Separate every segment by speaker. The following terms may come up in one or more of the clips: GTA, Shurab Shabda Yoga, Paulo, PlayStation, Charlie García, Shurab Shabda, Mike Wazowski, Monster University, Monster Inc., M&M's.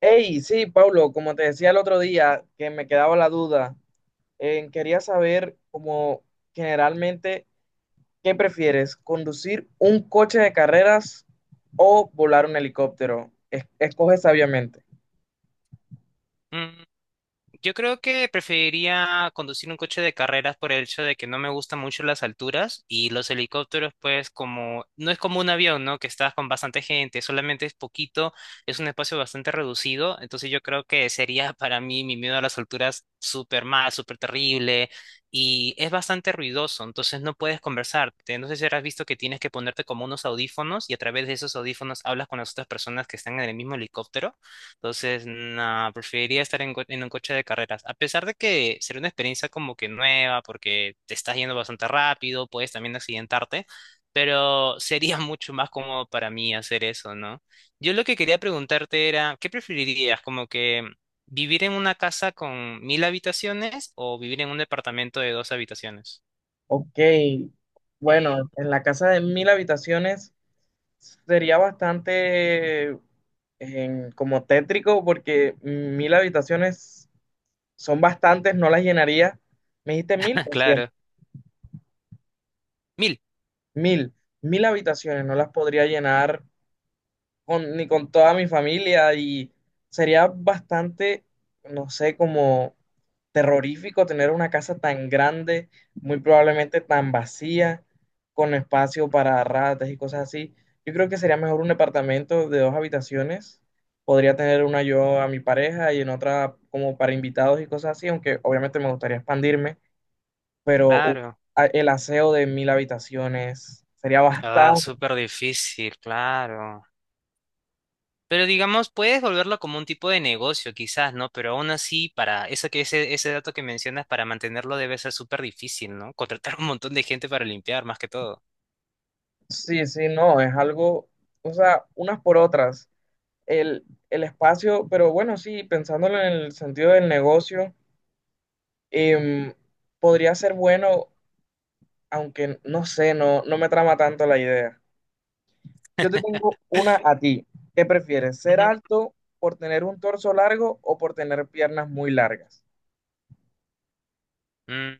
Speaker 1: Hey, sí, Paulo, como te decía el otro día, que me quedaba la duda, quería saber como generalmente, ¿qué prefieres? ¿Conducir un coche de carreras o volar un helicóptero? Escoge sabiamente.
Speaker 2: Mm. Yo creo que preferiría conducir un coche de carreras por el hecho de que no me gustan mucho las alturas y los helicópteros, pues como no es como un avión, ¿no? Que estás con bastante gente, solamente es poquito, es un espacio bastante reducido, entonces yo creo que sería para mí mi miedo a las alturas súper mal, súper terrible y es bastante ruidoso, entonces no puedes conversarte. No sé si habrás visto que tienes que ponerte como unos audífonos y a través de esos audífonos hablas con las otras personas que están en el mismo helicóptero. Entonces, no, preferiría estar en un coche de carreras. A pesar de que será una experiencia como que nueva, porque te estás yendo bastante rápido, puedes también accidentarte, pero sería mucho más cómodo para mí hacer eso, ¿no? Yo lo que quería preguntarte era, ¿qué preferirías? Como que vivir en una casa con 1.000 habitaciones o vivir en un departamento de dos habitaciones.
Speaker 1: Ok, bueno, en la casa de mil habitaciones sería bastante como tétrico porque mil habitaciones son bastantes, no las llenaría. ¿Me dijiste mil o cien?
Speaker 2: Claro. Mil.
Speaker 1: Mil, mil habitaciones, no las podría llenar ni con toda mi familia y sería bastante, no sé, como terrorífico tener una casa tan grande, muy probablemente tan vacía, con espacio para ratas y cosas así. Yo creo que sería mejor un departamento de dos habitaciones. Podría tener una yo a mi pareja y en otra como para invitados y cosas así, aunque obviamente me gustaría expandirme, pero uf,
Speaker 2: Claro.
Speaker 1: el aseo de mil habitaciones sería
Speaker 2: Ah,
Speaker 1: bastante.
Speaker 2: súper difícil, claro. Pero digamos, puedes volverlo como un tipo de negocio, quizás, ¿no? Pero aún así, para eso que ese dato que mencionas, para mantenerlo debe ser súper difícil, ¿no? Contratar un montón de gente para limpiar, más que todo.
Speaker 1: Sí, sí, no, es algo, o sea, unas por otras. El, el espacio, pero bueno, sí, pensándolo en el sentido del negocio, em, podría ser bueno, aunque no sé, no, no me trama tanto la idea. Yo te tengo una a ti. ¿Qué prefieres? ¿Ser
Speaker 2: Ujú.
Speaker 1: alto por tener un torso largo o por tener piernas muy largas?
Speaker 2: Mm.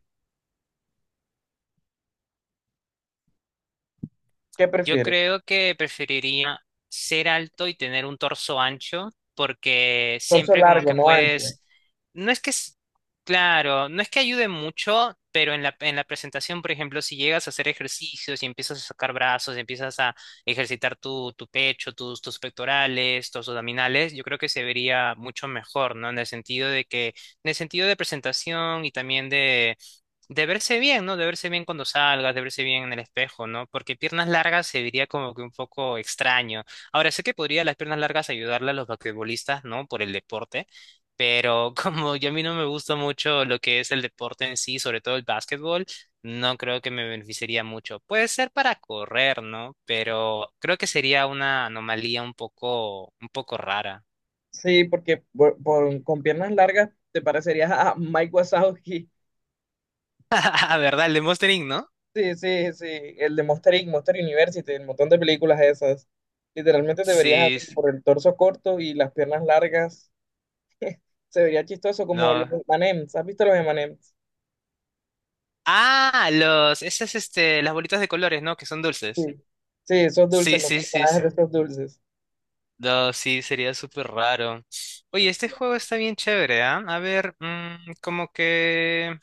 Speaker 1: ¿Qué
Speaker 2: Yo
Speaker 1: prefieres?
Speaker 2: creo que preferiría ser alto y tener un torso ancho, porque
Speaker 1: Torso
Speaker 2: siempre como
Speaker 1: largo,
Speaker 2: que
Speaker 1: no ancho.
Speaker 2: puedes, no es que, claro, no es que ayude mucho, pero en la presentación, por ejemplo, si llegas a hacer ejercicios y empiezas a sacar brazos, empiezas a ejercitar tu pecho, tus pectorales, tus abdominales, yo creo que se vería mucho mejor, ¿no? En el sentido de que, en el sentido de presentación y también de verse bien, ¿no? De verse bien cuando salgas, de verse bien en el espejo, ¿no? Porque piernas largas se vería como que un poco extraño. Ahora, sé que podría las piernas largas ayudarle a los basquetbolistas, ¿no? Por el deporte, pero como yo a mí no me gusta mucho lo que es el deporte en sí, sobre todo el básquetbol, no creo que me beneficiaría mucho. Puede ser para correr, ¿no? Pero creo que sería una anomalía un poco rara.
Speaker 1: Sí, porque con piernas largas te parecerías a Mike Wazowski.
Speaker 2: Ah, ¿verdad? El de Monster Inc, ¿no?
Speaker 1: Sí, sí, sí, el de Monster Inc., Monster University, el montón de películas esas. Literalmente te verías
Speaker 2: Sí,
Speaker 1: así por el torso corto y las piernas largas. Se vería chistoso como los
Speaker 2: no.
Speaker 1: M&M's. ¿Has visto los M&M's?
Speaker 2: Ah, los, esas, este, las bolitas de colores, ¿no? Que son dulces.
Speaker 1: Sí. Sí, esos dulces,
Speaker 2: Sí,
Speaker 1: los
Speaker 2: sí, sí,
Speaker 1: personajes
Speaker 2: sí.
Speaker 1: de esos dulces.
Speaker 2: No, sí, sería súper raro. Oye, este juego está bien chévere, ¿ah? A ver, como que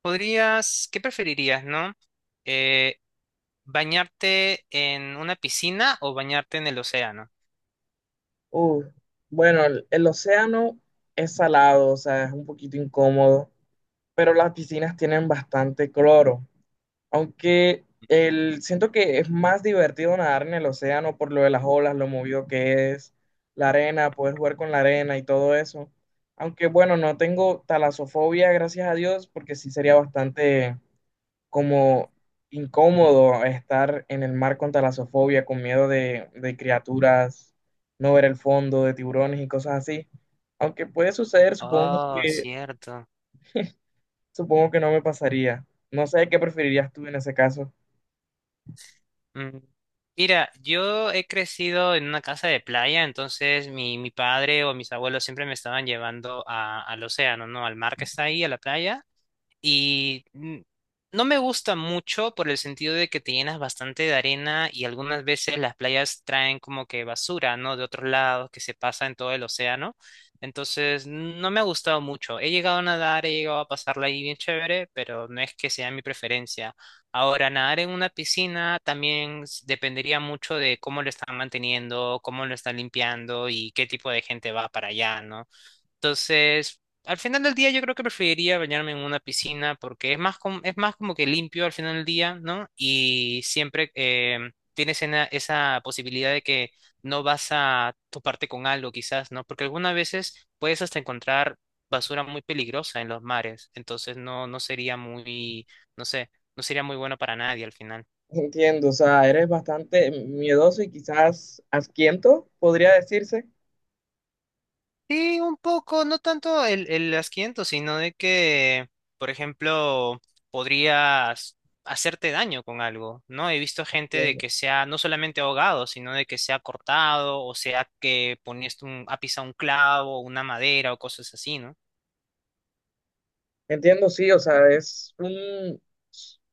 Speaker 2: podrías, ¿qué preferirías, no? Eh, ¿Bañarte en una piscina o bañarte en el océano?
Speaker 1: Uf. Bueno, el océano es salado, o sea, es un poquito incómodo, pero las piscinas tienen bastante cloro. Aunque el, siento que es más divertido nadar en el océano por lo de las olas, lo movido que es, la arena, poder jugar con la arena y todo eso. Aunque bueno, no tengo talasofobia, gracias a Dios, porque sí sería bastante como incómodo estar en el mar con talasofobia, con miedo de criaturas, no ver el fondo, de tiburones y cosas así. Aunque puede suceder,
Speaker 2: Oh, cierto.
Speaker 1: supongo que no me pasaría. No sé qué preferirías tú en ese caso.
Speaker 2: Mm, Mira, yo he crecido en una casa de playa, entonces mi padre o mis abuelos siempre me estaban llevando al océano, ¿no? Al mar que está ahí, a la playa. Y no me gusta mucho por el sentido de que te llenas bastante de arena y algunas veces las playas traen como que basura, ¿no? De otros lados que se pasa en todo el océano. Entonces, no me ha gustado mucho. He llegado a nadar, he llegado a pasarla ahí bien chévere, pero no es que sea mi preferencia. Ahora, nadar en una piscina también dependería mucho de cómo lo están manteniendo, cómo lo están limpiando y qué tipo de gente va para allá, ¿no? Entonces, al final del día yo creo que preferiría bañarme en una piscina porque es más, es más como que limpio al final del día, ¿no? Y siempre tienes esa posibilidad de que no vas a toparte con algo quizás, ¿no? Porque algunas veces puedes hasta encontrar basura muy peligrosa en los mares, entonces no, no sería muy, no sé, no sería muy bueno para nadie al final.
Speaker 1: Entiendo, o sea, eres bastante miedoso y quizás asquiento, podría decirse.
Speaker 2: Sí, un poco, no tanto el asquiento, sino de que, por ejemplo, podrías hacerte daño con algo, ¿no? He visto gente de
Speaker 1: Bien.
Speaker 2: que se ha no solamente ahogado, sino de que se ha cortado, o sea, que ponías un, ha pisado un clavo, una madera o cosas así, ¿no?
Speaker 1: Entiendo, sí, o sea, es un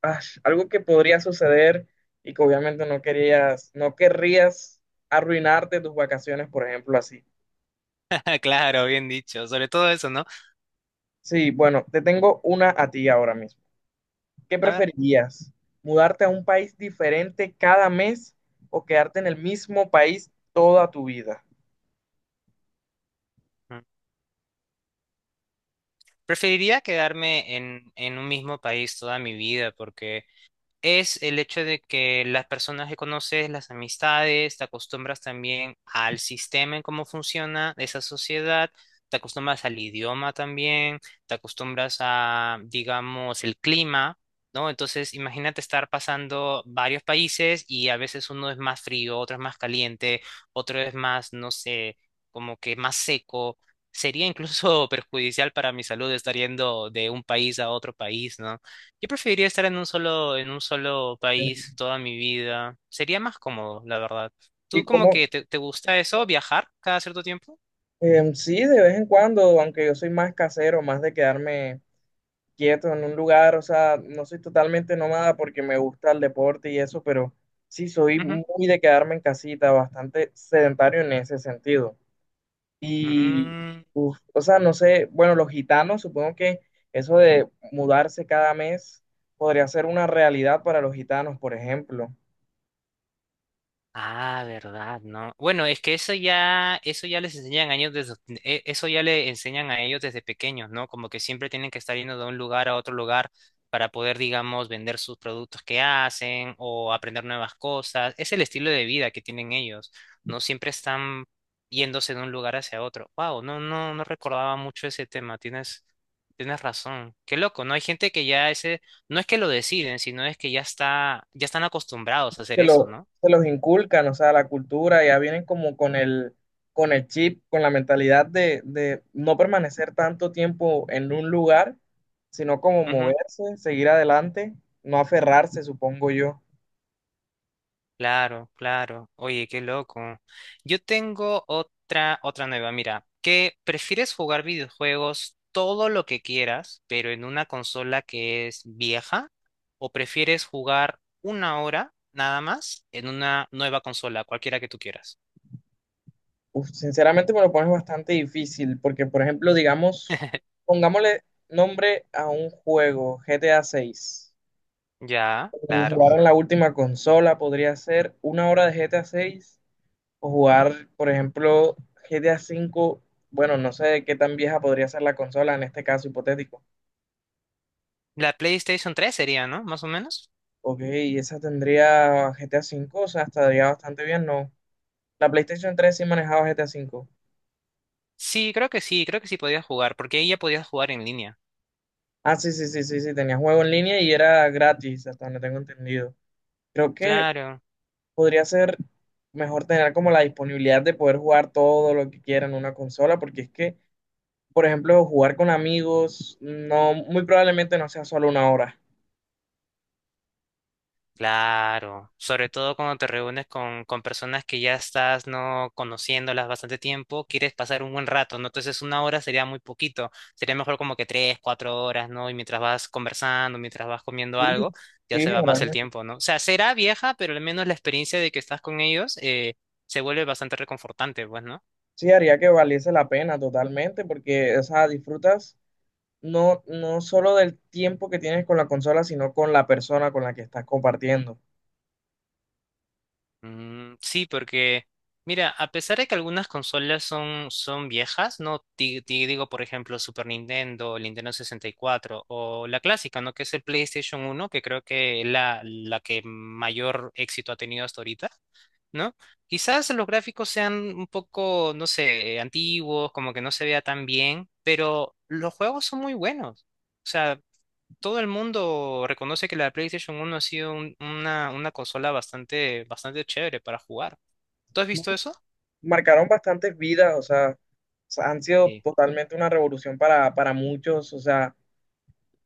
Speaker 1: ah, algo que podría suceder y que obviamente no querías, no querrías arruinarte tus vacaciones, por ejemplo, así.
Speaker 2: Claro, bien dicho, sobre todo eso, ¿no?
Speaker 1: Sí, bueno, te tengo una a ti ahora mismo. ¿Qué
Speaker 2: A ver,
Speaker 1: preferirías? ¿Mudarte a un país diferente cada mes o quedarte en el mismo país toda tu vida?
Speaker 2: mm, preferiría quedarme en un mismo país toda mi vida, porque es el hecho de que las personas que conoces, las amistades, te acostumbras también al sistema en cómo funciona esa sociedad, te acostumbras al idioma también, te acostumbras a, digamos, el clima, ¿no? Entonces, imagínate estar pasando varios países y a veces uno es más frío, otro es más caliente, otro es más, no sé, como que más seco. Sería incluso perjudicial para mi salud estar yendo de un país a otro país, ¿no? Yo preferiría estar en un solo país toda mi vida. Sería más cómodo, la verdad.
Speaker 1: ¿Y
Speaker 2: ¿Tú como
Speaker 1: cómo?
Speaker 2: que te gusta eso, viajar cada cierto tiempo?
Speaker 1: Sí, de vez en cuando, aunque yo soy más casero, más de quedarme quieto en un lugar, o sea, no soy totalmente nómada porque me gusta el deporte y eso, pero sí soy
Speaker 2: Ujú.
Speaker 1: muy de quedarme en casita, bastante sedentario en ese sentido. Y,
Speaker 2: Mm.
Speaker 1: uf, o sea, no sé, bueno, los gitanos, supongo que eso de mudarse cada mes podría ser una realidad para los gitanos, por ejemplo.
Speaker 2: Ah, verdad, ¿no? Bueno, es que eso ya les enseñan a ellos desde, eso ya le enseñan a ellos desde pequeños, ¿no? Como que siempre tienen que estar yendo de un lugar a otro lugar para poder, digamos, vender sus productos que hacen o aprender nuevas cosas. Es el estilo de vida que tienen ellos, ¿no? Siempre están yéndose de un lugar hacia otro. Wow, no, no, no recordaba mucho ese tema. Tienes razón. Qué loco, ¿no? Hay gente que ya ese, no es que lo deciden, sino es que ya está, ya están acostumbrados a hacer
Speaker 1: se
Speaker 2: eso,
Speaker 1: lo-
Speaker 2: ¿no?
Speaker 1: se los inculcan, o sea, la cultura, ya vienen como con el chip, con la mentalidad de no permanecer tanto tiempo en un lugar, sino como moverse, seguir adelante, no aferrarse, supongo yo.
Speaker 2: Claro, claro. Oye, qué loco. Yo tengo otra nueva. Mira, que prefieres jugar videojuegos todo lo que quieras, pero en una consola que es vieja, o prefieres jugar 1 hora nada más en una nueva consola, cualquiera que tú quieras.
Speaker 1: Uf, sinceramente me lo pones bastante difícil, porque por ejemplo, digamos, pongámosle nombre a un juego, GTA 6.
Speaker 2: Ya, claro.
Speaker 1: Jugar en la última consola podría ser una hora de GTA 6. O jugar, por ejemplo, GTA V, bueno, no sé qué tan vieja podría ser la consola en este caso hipotético.
Speaker 2: La PlayStation 3 sería, ¿no? Más o menos.
Speaker 1: Ok, esa tendría GTA V, o sea, estaría bastante bien, ¿no? La PlayStation 3 sí manejaba GTA V.
Speaker 2: Sí, creo que sí, creo que sí podías jugar, porque ahí ya podías jugar en línea.
Speaker 1: Ah, sí, sí, sí, sí, sí, tenía juego en línea y era gratis, hasta donde tengo entendido. Creo que
Speaker 2: Claro.
Speaker 1: podría ser mejor tener como la disponibilidad de poder jugar todo lo que quiera en una consola, porque es que, por ejemplo, jugar con amigos, no, muy probablemente no sea solo una hora.
Speaker 2: Claro, sobre todo cuando te reúnes con personas que ya estás no conociéndolas bastante tiempo, quieres pasar un buen rato, ¿no? Entonces 1 hora sería muy poquito, sería mejor como que 3, 4 horas, ¿no? Y mientras vas conversando, mientras vas comiendo
Speaker 1: Sí,
Speaker 2: algo, ya se va más el
Speaker 1: sí.
Speaker 2: tiempo, ¿no? O sea, será vieja, pero al menos la experiencia de que estás con ellos se vuelve bastante reconfortante, pues, ¿no?
Speaker 1: Sí, haría que valiese la pena totalmente, porque, o sea, disfrutas no, no solo del tiempo que tienes con la consola, sino con la persona con la que estás compartiendo.
Speaker 2: Mm, sí, porque, mira, a pesar de que algunas consolas son viejas, ¿no? Digo, por ejemplo, Super Nintendo, el Nintendo 64 o la clásica, ¿no? Que es el PlayStation 1, que creo que es la que mayor éxito ha tenido hasta ahorita, ¿no? Quizás los gráficos sean un poco, no sé, antiguos, como que no se vea tan bien, pero los juegos son muy buenos. O sea, todo el mundo reconoce que la PlayStation 1 ha sido una consola bastante, bastante chévere para jugar. ¿Tú has visto eso?
Speaker 1: Marcaron bastantes vidas, o sea, han sido
Speaker 2: Sí.
Speaker 1: totalmente una revolución para muchos,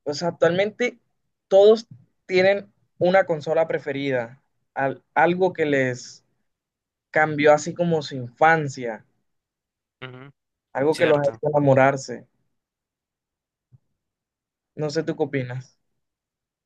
Speaker 1: o sea, actualmente todos tienen una consola preferida, algo que les cambió así como su infancia,
Speaker 2: Ujú.
Speaker 1: algo que los ha
Speaker 2: Cierto.
Speaker 1: hecho enamorarse. No sé, ¿tú qué opinas?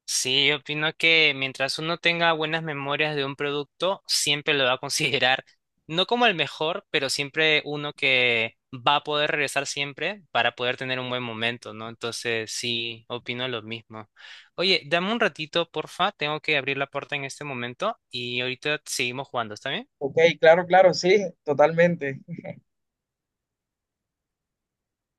Speaker 2: Sí, yo opino que mientras uno tenga buenas memorias de un producto, siempre lo va a considerar, no como el mejor, pero siempre uno que va a poder regresar siempre para poder tener un buen momento, ¿no? Entonces, sí, opino lo mismo. Oye, dame un ratito, porfa, tengo que abrir la puerta en este momento y ahorita seguimos jugando, ¿está bien?
Speaker 1: Ok, claro, claro, sí, totalmente.